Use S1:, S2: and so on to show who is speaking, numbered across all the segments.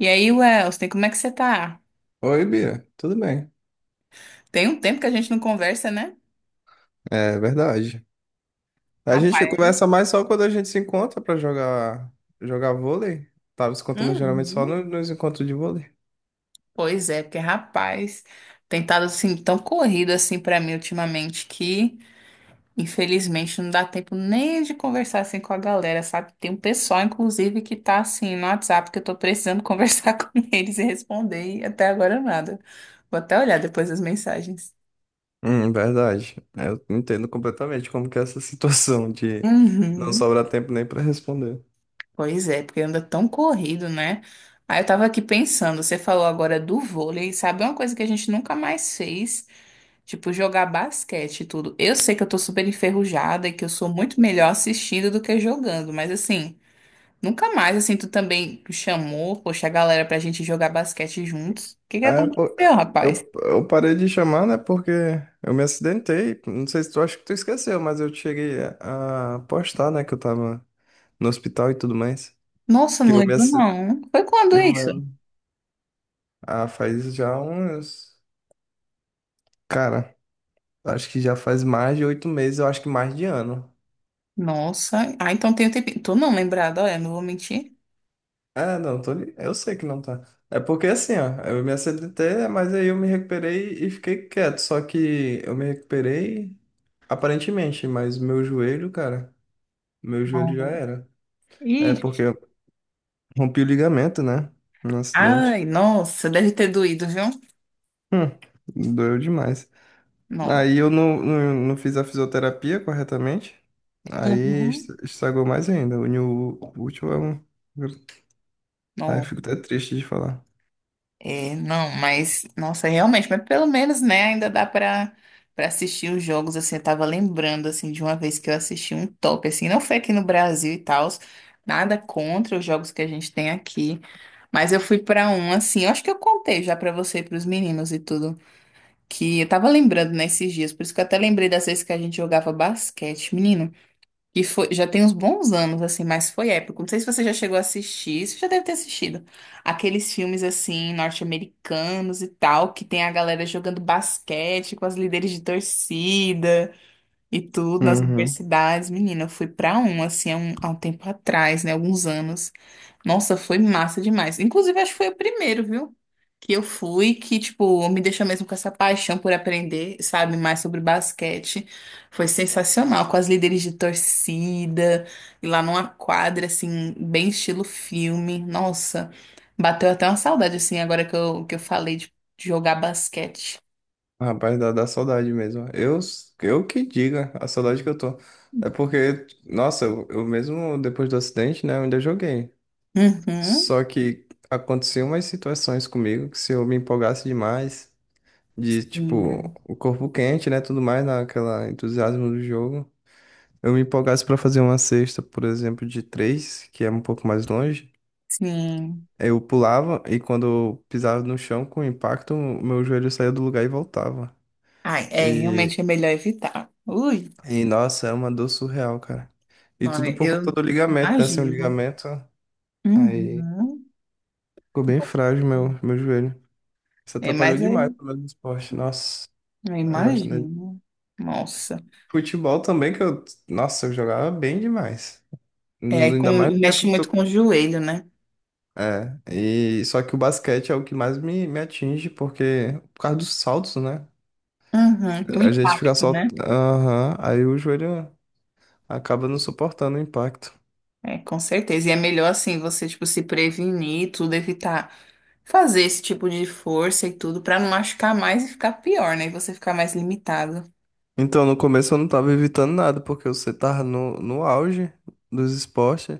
S1: E aí, Welston, como é que você tá?
S2: Oi, Bia, tudo bem?
S1: Tem um tempo que a gente não conversa, né?
S2: É verdade. A gente
S1: Rapaz.
S2: conversa mais só quando a gente se encontra pra jogar vôlei. Tava se encontrando geralmente só
S1: Uhum.
S2: nos encontros de vôlei.
S1: Pois é, porque rapaz, tem estado assim tão corrido assim pra mim ultimamente que infelizmente não dá tempo nem de conversar assim com a galera, sabe? Tem um pessoal inclusive que tá assim no WhatsApp que eu tô precisando conversar com eles e responder e até agora nada. Vou até olhar depois as mensagens.
S2: Verdade. Eu entendo completamente como que é essa situação de não
S1: Uhum.
S2: sobrar tempo nem pra responder.
S1: Pois é, porque anda tão corrido, né? Aí eu tava aqui pensando, você falou agora do vôlei, sabe uma coisa que a gente nunca mais fez? Tipo, jogar basquete e tudo. Eu sei que eu tô super enferrujada e que eu sou muito melhor assistindo do que jogando, mas assim, nunca mais, assim, tu também chamou, poxa, a galera pra gente jogar basquete juntos. O que que
S2: É, pô,
S1: aconteceu, rapaz?
S2: eu parei de chamar, né? Porque eu me acidentei. Não sei se tu acha que tu esqueceu, mas eu cheguei a postar, né? Que eu tava no hospital e tudo mais.
S1: Nossa,
S2: Que
S1: não
S2: eu me
S1: lembro
S2: acidentei.
S1: não. Foi quando
S2: Não
S1: isso?
S2: lembro. Ah, faz já uns. Cara, acho que já faz mais de 8 meses, eu acho que mais de ano.
S1: Nossa, ah, então tem um tempinho. Tô não lembrada, olha, não vou mentir.
S2: É, não, tô, eu sei que não tá. É porque assim, ó, eu me acidentei, mas aí eu me recuperei e fiquei quieto. Só que eu me recuperei aparentemente, mas meu joelho, cara, meu joelho já
S1: Não.
S2: era. É porque eu rompi o ligamento, né? No
S1: Ai,
S2: acidente.
S1: nossa, deve ter doído, viu?
S2: Doeu demais.
S1: Não.
S2: Aí eu não fiz a fisioterapia corretamente. Aí
S1: Uhum.
S2: estragou mais ainda. Uniu o útil é um. Ai,
S1: Não,
S2: fico até triste de falar.
S1: é, não, mas, nossa, realmente, mas pelo menos, né, ainda dá pra, pra assistir os jogos, assim, eu tava lembrando, assim, de uma vez que eu assisti um top, assim, não foi aqui no Brasil e tal, nada contra os jogos que a gente tem aqui, mas eu fui pra um, assim, eu acho que eu contei já pra você e pros meninos e tudo, que eu tava lembrando nesses dias, por isso que eu até lembrei das vezes que a gente jogava basquete, menino. E foi, já tem uns bons anos, assim, mas foi épico. Não sei se você já chegou a assistir, você já deve ter assistido. Aqueles filmes, assim, norte-americanos e tal, que tem a galera jogando basquete com as líderes de torcida. E tudo nas
S2: Uhum.
S1: universidades, menina, eu fui pra um, assim, há um tempo atrás, né, alguns anos. Nossa, foi massa demais. Inclusive, acho que foi o primeiro, viu? Que eu fui, que, tipo, me deixou mesmo com essa paixão por aprender, sabe, mais sobre basquete. Foi sensacional, com as líderes de torcida, e lá numa quadra, assim, bem estilo filme. Nossa, bateu até uma saudade, assim, agora que eu falei de jogar basquete.
S2: Rapaz, dá saudade mesmo. Eu que diga a saudade que eu tô. É porque, nossa, eu mesmo depois do acidente, né, eu ainda joguei.
S1: Uhum.
S2: Só que aconteciam umas situações comigo que se eu me empolgasse demais, de tipo,
S1: Sim.
S2: o corpo quente, né, tudo mais, naquela entusiasmo do jogo, eu me empolgasse pra fazer uma cesta, por exemplo, de três, que é um pouco mais longe.
S1: Sim.
S2: Eu pulava e quando eu pisava no chão com impacto, o meu joelho saía do lugar e voltava.
S1: Ai, é,
S2: E,
S1: realmente é melhor evitar. Ui,
S2: e nossa, é uma dor surreal, cara. E
S1: não,
S2: tudo por conta
S1: eu
S2: do ligamento, né? Sem o
S1: imagino.
S2: ligamento, aí
S1: Uhum.
S2: ficou bem frágil meu joelho. Isso
S1: É,
S2: atrapalhou
S1: mas
S2: demais
S1: aí,
S2: o meu esporte. Nossa,
S1: eu
S2: eu gosto dele.
S1: imagino. Nossa.
S2: Futebol também, que eu. Nossa, eu jogava bem demais.
S1: É,
S2: No-
S1: com,
S2: Ainda mais no tempo
S1: mexe muito
S2: do.
S1: com o joelho, né?
S2: É, e só que o basquete é o que mais me atinge, porque por causa dos saltos, né?
S1: Uhum. O
S2: A gente fica
S1: impacto,
S2: só.
S1: né?
S2: Aham. Aí o joelho acaba não suportando o impacto.
S1: É, com certeza. E é melhor, assim, você, tipo, se prevenir, tudo, evitar fazer esse tipo de força e tudo, pra não machucar mais e ficar pior, né? E você ficar mais limitado.
S2: Então, no começo eu não tava evitando nada, porque você tava no auge dos esportes.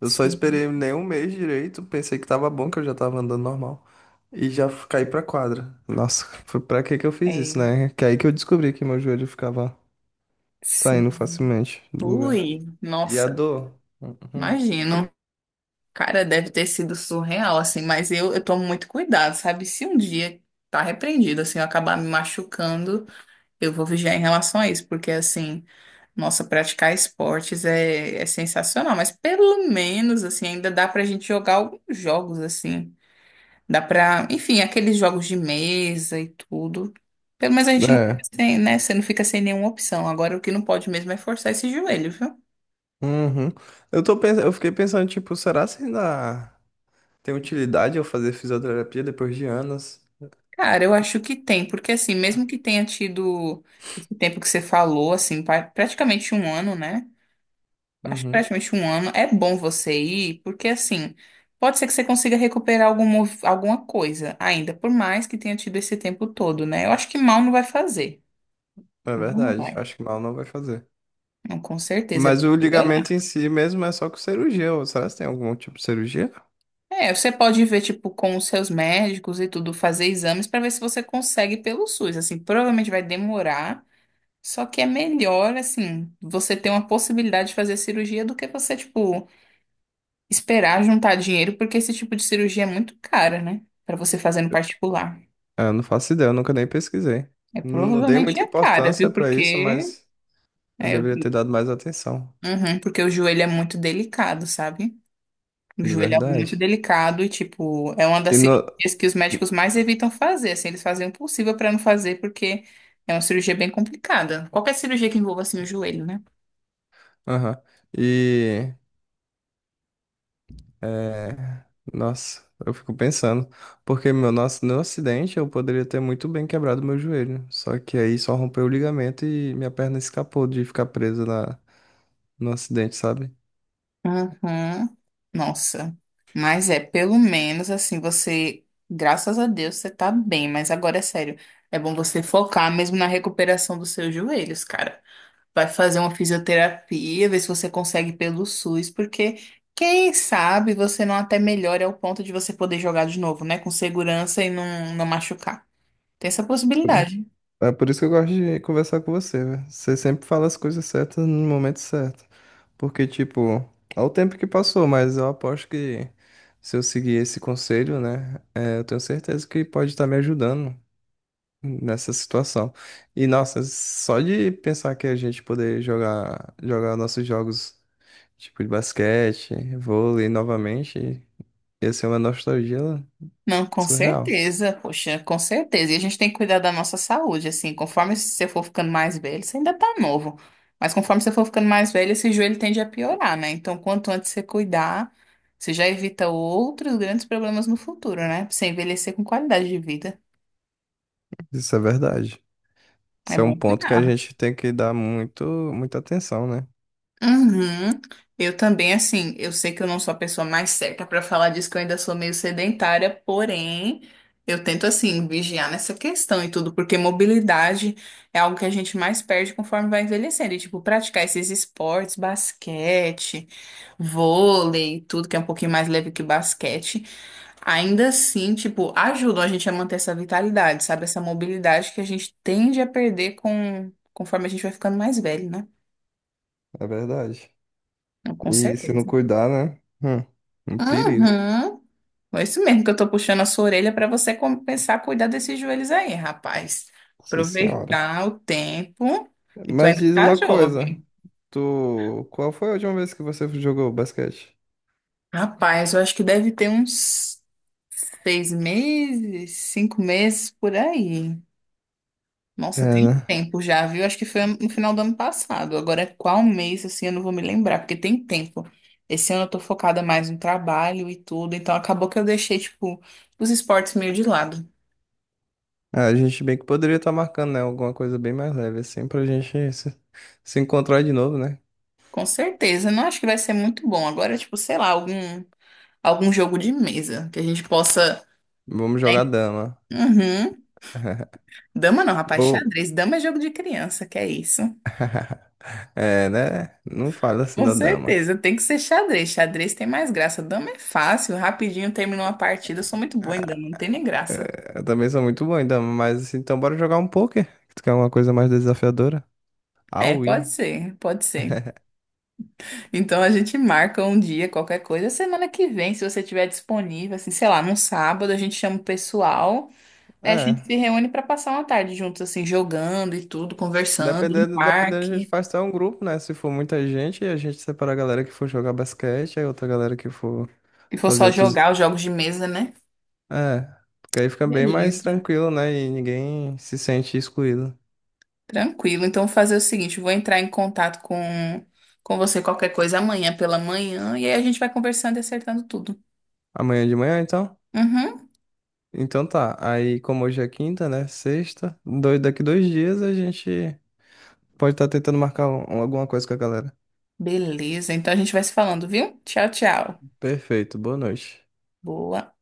S2: Eu só
S1: Sim.
S2: esperei nem um mês direito, pensei que tava bom, que eu já tava andando normal. E já caí pra quadra. Nossa, foi pra que que eu fiz
S1: É,
S2: isso, né? Que aí que eu descobri que meu joelho ficava
S1: sim.
S2: saindo facilmente do lugar.
S1: Ui,
S2: E a
S1: nossa,
S2: dor? Uhum.
S1: imagino. Cara, deve ter sido surreal, assim, mas eu tomo muito cuidado, sabe? Se um dia tá repreendido, assim, eu acabar me machucando, eu vou vigiar em relação a isso, porque, assim, nossa, praticar esportes é, é sensacional, mas pelo menos, assim, ainda dá pra gente jogar alguns jogos, assim, dá pra, enfim, aqueles jogos de mesa e tudo. Pelo menos a gente não fica
S2: É.
S1: sem, né? Você não fica sem nenhuma opção. Agora, o que não pode mesmo é forçar esse joelho, viu?
S2: Uhum. Eu tô pensando, eu fiquei pensando, tipo, será se ainda. Tem utilidade eu fazer fisioterapia depois de anos?
S1: Cara, eu acho que tem, porque assim, mesmo que tenha tido esse tempo que você falou, assim, praticamente um ano, né? Acho que
S2: Uhum,
S1: praticamente um ano, é bom você ir, porque assim, pode ser que você consiga recuperar algum, alguma coisa ainda, por mais que tenha tido esse tempo todo, né? Eu acho que mal não vai fazer.
S2: é
S1: Não
S2: verdade.
S1: vai.
S2: Acho que mal não vai fazer.
S1: Não, com certeza, é
S2: Mas
S1: bom
S2: o
S1: você
S2: ligamento
S1: olhar.
S2: em si mesmo é só com cirurgia. Ou será que tem algum tipo de cirurgia?
S1: É, você pode ver, tipo, com os seus médicos e tudo, fazer exames para ver se você consegue pelo SUS. Assim, provavelmente vai demorar. Só que é melhor, assim, você ter uma possibilidade de fazer cirurgia do que você, tipo, esperar juntar dinheiro, porque esse tipo de cirurgia é muito cara, né? Pra você fazer no particular.
S2: É, eu não faço ideia, eu nunca nem pesquisei.
S1: É
S2: Não dei
S1: provavelmente
S2: muita
S1: é cara,
S2: importância
S1: viu?
S2: pra isso,
S1: Porque
S2: mas eu
S1: é,
S2: deveria ter dado mais atenção.
S1: uhum, porque o joelho é muito delicado, sabe? O
S2: De
S1: joelho é algo muito
S2: verdade.
S1: delicado e, tipo, é uma das
S2: E no...
S1: cirurgias que os médicos mais evitam fazer. Assim, eles fazem o possível pra não fazer, porque é uma cirurgia bem complicada. Qualquer cirurgia que envolva, assim, o joelho, né?
S2: Aham. E é, nossa, eu fico pensando, porque meu, nosso, no acidente eu poderia ter muito bem quebrado meu joelho, só que aí só rompeu o ligamento e minha perna escapou de ficar presa na, no acidente, sabe?
S1: Uhum. Nossa, mas é, pelo menos assim, você, graças a Deus, você tá bem, mas agora é sério, é bom você focar mesmo na recuperação dos seus joelhos, cara. Vai fazer uma fisioterapia, ver se você consegue pelo SUS, porque quem sabe você não até melhora ao ponto de você poder jogar de novo, né, com segurança e não, não machucar. Tem essa possibilidade.
S2: É por isso que eu gosto de conversar com você, velho. Você sempre fala as coisas certas no momento certo, porque, tipo, ao tempo que passou, mas eu aposto que se eu seguir esse conselho, né, é, eu tenho certeza que pode estar me ajudando nessa situação. E nossa, só de pensar que a gente poder jogar nossos jogos tipo de basquete, vôlei novamente, ia ser uma nostalgia
S1: Não, com
S2: surreal.
S1: certeza, poxa, com certeza. E a gente tem que cuidar da nossa saúde, assim, conforme você for ficando mais velho, você ainda tá novo, mas conforme você for ficando mais velho, esse joelho tende a piorar, né? Então, quanto antes você cuidar, você já evita outros grandes problemas no futuro, né? Pra você envelhecer com qualidade de vida.
S2: Isso é verdade.
S1: É
S2: Isso é um
S1: bom
S2: ponto que a
S1: cuidar.
S2: gente tem que dar muito muita atenção, né?
S1: Uhum. Eu também, assim, eu sei que eu não sou a pessoa mais certa para falar disso, que eu ainda sou meio sedentária, porém, eu tento, assim, vigiar nessa questão e tudo, porque mobilidade é algo que a gente mais perde conforme vai envelhecendo. E, tipo, praticar esses esportes, basquete, vôlei, tudo que é um pouquinho mais leve que basquete, ainda assim, tipo, ajudam a gente a manter essa vitalidade, sabe? Essa mobilidade que a gente tende a perder com, conforme a gente vai ficando mais velho, né?
S2: É verdade.
S1: Com
S2: E se não
S1: certeza.
S2: cuidar, né? Um perigo,
S1: Uhum. É isso mesmo que eu tô puxando a sua orelha para você começar a cuidar desses joelhos aí, rapaz.
S2: sim senhora.
S1: Aproveitar o tempo que tu
S2: Mas
S1: ainda
S2: diz
S1: tá
S2: uma coisa,
S1: jovem.
S2: tu, qual foi a última vez que você jogou basquete?
S1: Rapaz, eu acho que deve ter uns 6 meses, 5 meses por aí.
S2: É,
S1: Nossa, tem um
S2: né?
S1: tempo já, viu? Acho que foi no final do ano passado. Agora, é qual mês, assim, eu não vou me lembrar, porque tem tempo. Esse ano eu tô focada mais no trabalho e tudo, então acabou que eu deixei, tipo, os esportes meio de lado.
S2: Ah, a gente bem que poderia estar marcando, né? Alguma coisa bem mais leve, assim, pra gente se, se encontrar de novo, né?
S1: Com certeza, não acho que vai ser muito bom. Agora, tipo, sei lá, algum, algum jogo de mesa que a gente possa,
S2: Vamos
S1: né?
S2: jogar dama.
S1: Uhum. Dama não, rapaz,
S2: Ou,
S1: xadrez. Dama é jogo de criança, que é isso.
S2: é, né? Não fala assim
S1: Com
S2: da dama.
S1: certeza, tem que ser xadrez. Xadrez tem mais graça. Dama é fácil, rapidinho terminou uma partida. Eu sou muito boa em dama, não tem nem graça.
S2: É, eu também sou muito bom em dama, mas assim, então bora jogar um poker. Tu quer uma coisa mais desafiadora?
S1: É,
S2: All
S1: pode
S2: in.
S1: ser, pode ser. Então a gente marca um dia, qualquer coisa, semana que vem, se você tiver disponível, assim, sei lá, num sábado, a gente chama o pessoal. É, a gente
S2: É.
S1: se reúne pra passar uma tarde juntos, assim, jogando e tudo, conversando no
S2: Dependendo, a gente
S1: parque.
S2: faz até um grupo, né? Se for muita gente, a gente separa a galera que for jogar basquete, aí outra galera que for
S1: Se for
S2: fazer
S1: só
S2: outros.
S1: jogar os jogos de mesa, né?
S2: É. Porque aí fica bem mais
S1: Beleza.
S2: tranquilo, né? E ninguém se sente excluído.
S1: Tranquilo. Então, vou fazer o seguinte: vou entrar em contato com você qualquer coisa amanhã pela manhã e aí a gente vai conversando e acertando tudo.
S2: Amanhã de manhã, então?
S1: Uhum.
S2: Então tá. Aí, como hoje é quinta, né? Sexta. Dois, daqui dois dias a gente pode estar tentando marcar alguma coisa com a galera.
S1: Beleza. Então, a gente vai se falando, viu? Tchau, tchau.
S2: Perfeito. Boa noite.
S1: Boa.